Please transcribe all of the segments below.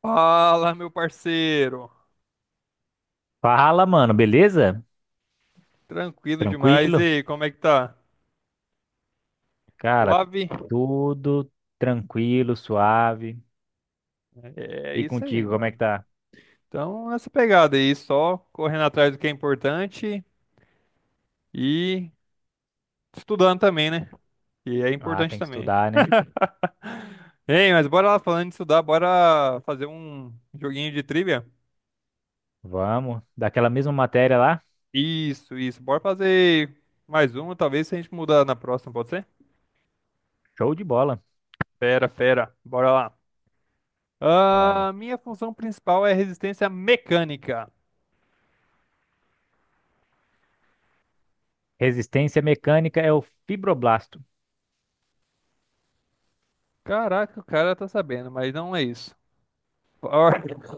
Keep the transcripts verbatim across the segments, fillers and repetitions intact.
Fala, meu parceiro. Fala, mano, beleza? Tranquilo demais. E Tranquilo? aí, como é que tá? Cara, Suave? tudo tranquilo, suave. É E isso aí, contigo, como é mano. que tá? Então, nessa pegada aí, só correndo atrás do que é importante e estudando também, né? E é Ah, importante tem que também. estudar, né? Ei, mas bora lá falando de estudar, bora fazer um joguinho de trivia? Vamos. Daquela mesma matéria lá? Isso, isso. Bora fazer mais um, talvez se a gente mudar na próxima, pode ser? Show de bola. Fera, fera. Bora lá. Ah, Vamos. minha função principal é resistência mecânica. Resistência mecânica é o fibroblasto. Caraca, o cara tá sabendo, mas não é isso. For-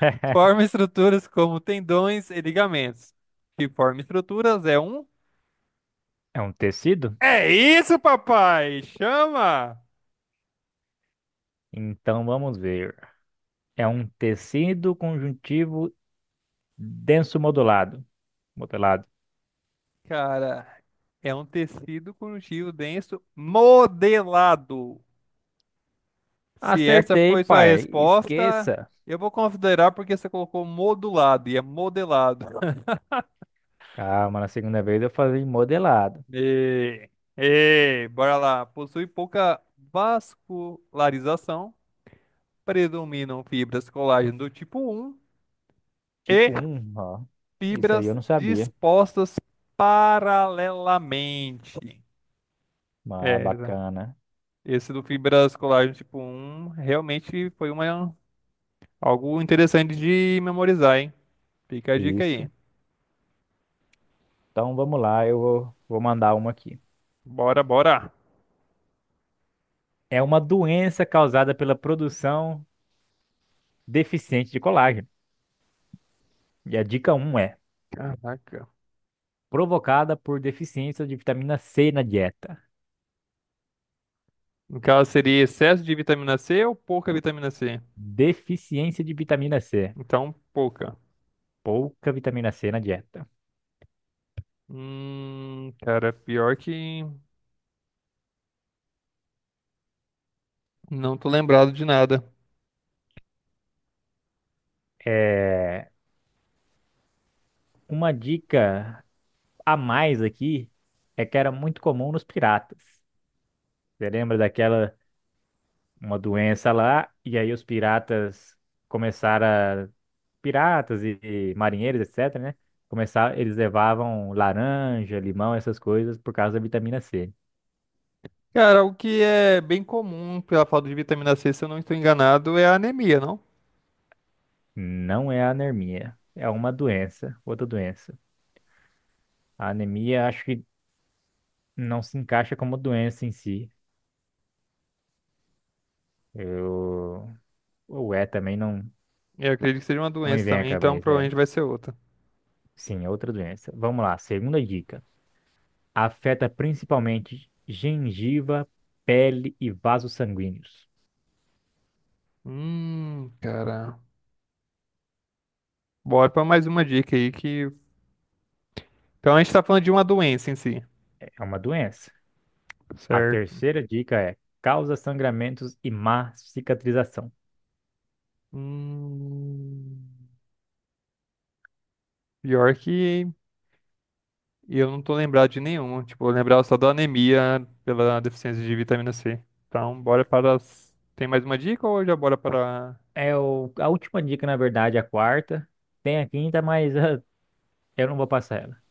Forma estruturas como tendões e ligamentos. Que forma estruturas é um. É um tecido? É isso, papai! Chama! Então vamos ver. É um tecido conjuntivo denso modulado. Modelado. Cara, é um tecido conjuntivo denso modelado. Se essa Acertei, foi sua pai. resposta, Esqueça. eu vou considerar porque você colocou modulado e é modelado. Calma, na segunda vez eu falei modelado. E, e bora lá. Possui pouca vascularização, predominam fibras colágeno do tipo um e Tipo um, ó. Isso aí fibras eu não sabia. dispostas paralelamente. Ah, É, né? bacana. Esse do fibras colágeno tipo um realmente foi uma, algo interessante de memorizar, hein? Fica a dica aí. Isso. Então vamos lá, eu vou, vou mandar uma aqui. Bora, bora. É uma doença causada pela produção deficiente de colágeno. E a dica um é: Caraca. provocada por deficiência de vitamina C na dieta. No caso, seria excesso de vitamina C ou pouca vitamina C? Deficiência de vitamina C. Então, pouca. Pouca vitamina C na dieta. Hum, cara, pior que não tô lembrado de nada. É uma dica. A mais aqui é que era muito comum nos piratas. Você lembra daquela uma doença lá e aí os piratas começaram a, piratas e, e marinheiros, etc, né? Começaram, eles levavam laranja, limão, essas coisas por causa da vitamina C. Cara, o que é bem comum pela falta de vitamina C, se eu não estou enganado, é a anemia, não? Não é anemia, é uma doença, outra doença. A anemia acho que não se encaixa como doença em si. Eu ou é também não Eu acredito que seja uma não me doença vem à também, então cabeça, é. provavelmente vai ser outra. Sim, é outra doença. Vamos lá, segunda dica. Afeta principalmente gengiva, pele e vasos sanguíneos. Hum, cara. Bora pra mais uma dica aí que. Então a gente tá falando de uma doença em si. É uma doença. A Certo. terceira dica é causa sangramentos e má cicatrização. Hum, pior que eu não tô lembrado de nenhuma. Tipo, eu lembrava só da anemia pela deficiência de vitamina C. Então, bora para. as- Tem mais uma dica ou já bora para. É o- a última dica, na verdade, a quarta. Tem a quinta, mas ah, eu não vou passar ela.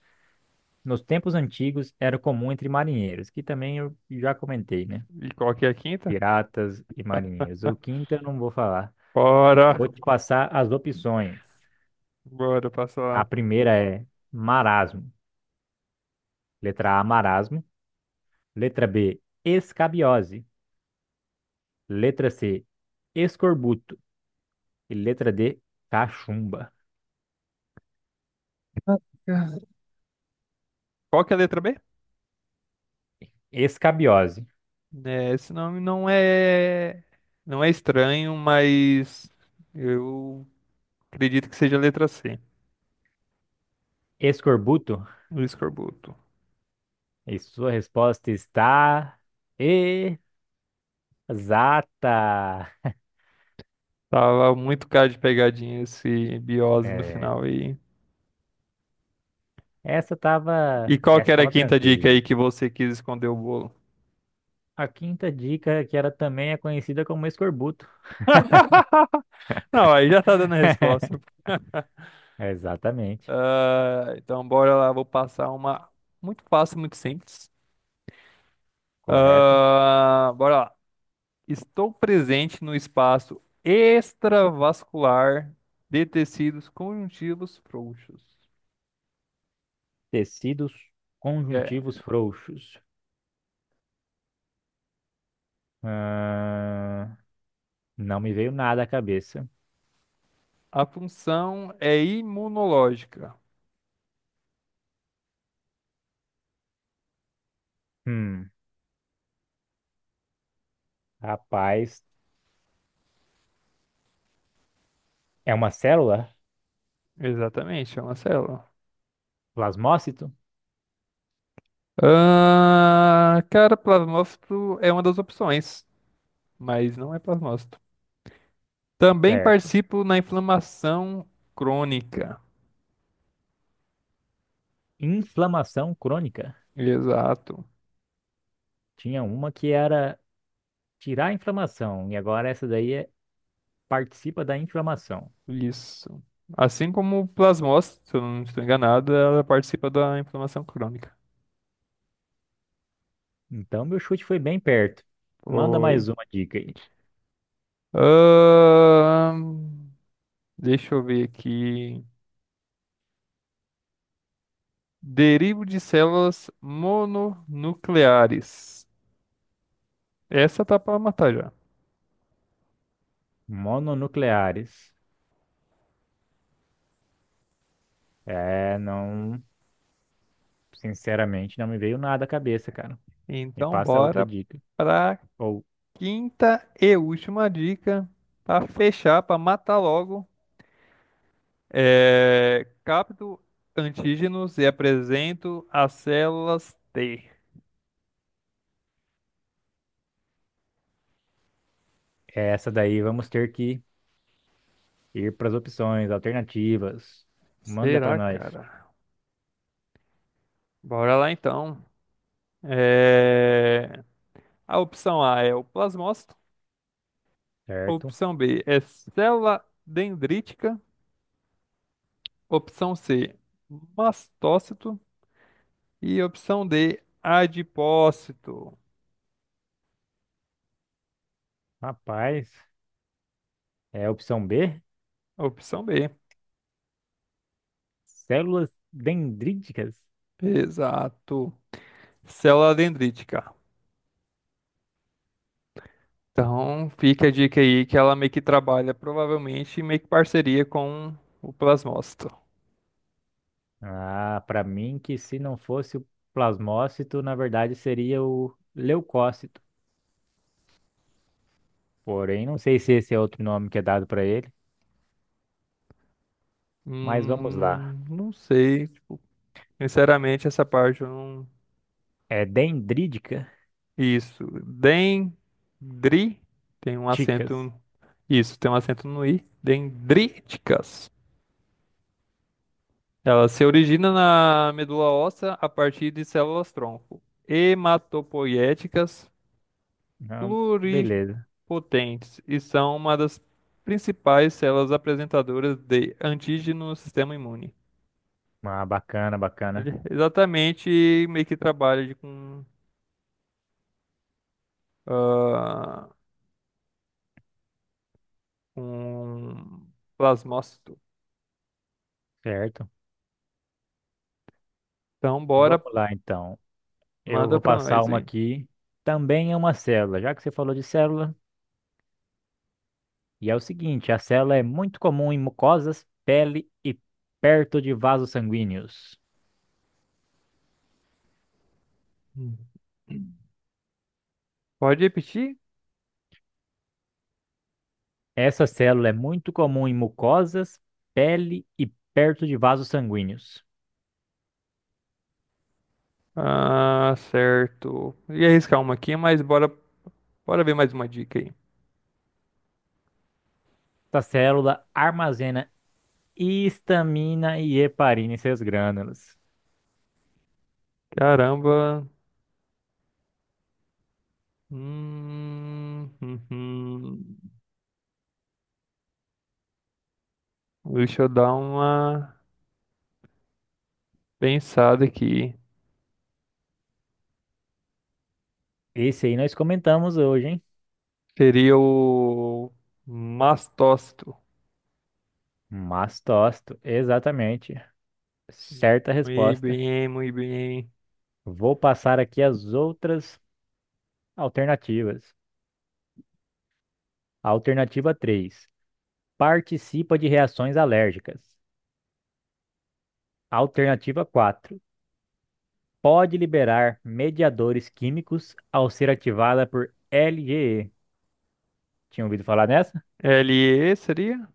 Nos tempos antigos era comum entre marinheiros, que também eu já comentei, né? E qual que é a quinta? Piratas e marinheiros. O quinto eu não vou falar. Bora! Vou te passar as opções. Bora, passa A lá. primeira é marasmo. Letra A, marasmo. Letra B, escabiose. Letra C, escorbuto. E letra D, cachumba. Qual que é a letra B? Escabiose. É, esse nome não é não é estranho, mas eu acredito que seja a letra C, Escorbuto. do escorbuto. E sua resposta está exata. Tava muito cara de pegadinha esse biose no É, final aí. essa E tava, qual que essa era a tava quinta dica aí tranquila. que você quis esconder o bolo? A quinta dica, que ela também é conhecida como escorbuto. Não, aí já tá dando a resposta. Exatamente. Ah, então bora lá, vou passar uma muito fácil, muito simples. Correto. Ah, bora lá. Estou presente no espaço extravascular de tecidos conjuntivos frouxos. Tecidos É. conjuntivos frouxos. Ah, não me veio nada à cabeça. A função é imunológica. Hum. Rapaz, é uma célula? Exatamente, é uma célula. Plasmócito? Ah, cara, plasmócito é uma das opções, mas não é plasmócito. Também Certo. participo na inflamação crônica. Inflamação crônica. Exato, Tinha uma que era tirar a inflamação, e agora essa daí é, participa da inflamação. isso. Assim como o plasmócito, se eu não estou enganado, ela participa da inflamação crônica. Então, meu chute foi bem perto. Manda Foi. mais uma dica aí. Ahn, Deixa eu ver aqui. Derivo de células mononucleares. Essa tá pra matar já. Mononucleares. É, não. Sinceramente, não me veio nada à cabeça, cara. Me Então, passa outra bora dica. pra Ou quinta e última dica. Pra fechar, pra matar logo. É, capto antígenos e apresento as células T. essa daí vamos ter que ir para as opções alternativas. Manda para Será, nós, cara? Bora lá então. É, a opção A é o plasmócito. certo? Opção B é célula dendrítica. Opção C, mastócito. E opção D, adipócito. Rapaz. É a opção B? Opção B. Células dendríticas? Exato. Célula dendrítica. Então, fica a dica aí que ela meio que trabalha, provavelmente, meio que parceria com o plasmócito. Ah, para mim que se não fosse o plasmócito, na verdade seria o leucócito. Porém, não sei se esse é outro nome que é dado para ele, mas vamos lá. Hum, não sei. Sinceramente, essa parte eu não. É dendrítica? Isso. Dendri. Tem um Ticas. acento. Isso, tem um acento no i. Dendríticas. Ela se origina na medula óssea a partir de células-tronco. Hematopoiéticas Ah, beleza. pluripotentes e são uma das principais células apresentadoras de antígeno no sistema imune. Ah, bacana, bacana. Ele exatamente meio que trabalha de com, ah, com plasmócito. Certo. Então, bora, Vamos lá então. Eu manda vou pra passar nós, uma hein? aqui. Também é uma célula. Já que você falou de célula, e é o seguinte, a célula é muito comum em mucosas, pele e perto de vasos sanguíneos. Hum. Pode repetir? Essa célula é muito comum em mucosas, pele e perto de vasos sanguíneos. Ah, certo. Ia arriscar uma aqui, mas bora, bora ver mais uma dica aí. Essa célula armazena histamina e heparina em seus grânulos. Caramba. Hum, uhum. Deixa eu dar uma pensada aqui. Esse aí nós comentamos hoje, hein? Seria o mastócito. Mastócito, exatamente. Certa Muito resposta. bem, muito bem. Vou passar aqui as outras alternativas. Alternativa três: participa de reações alérgicas. Alternativa quatro, pode liberar mediadores químicos ao ser ativada por L G E. Tinha ouvido falar nessa? L E seria?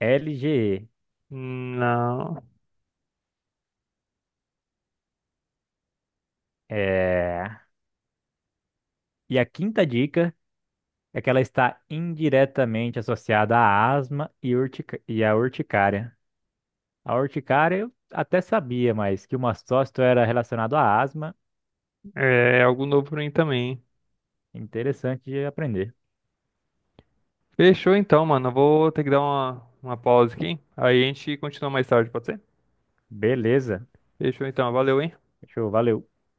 L G E. Não. É... E a quinta dica é que ela está indiretamente associada à asma e, urtica... e à urticária. A urticária eu até sabia, mas que o mastócito era relacionado à asma. É algo novo pra mim também. Interessante de aprender. Fechou então, mano. Eu vou ter que dar uma, uma pausa aqui. Aí a gente continua mais tarde, pode ser? Beleza. Fechou então. Valeu, hein? Show, valeu.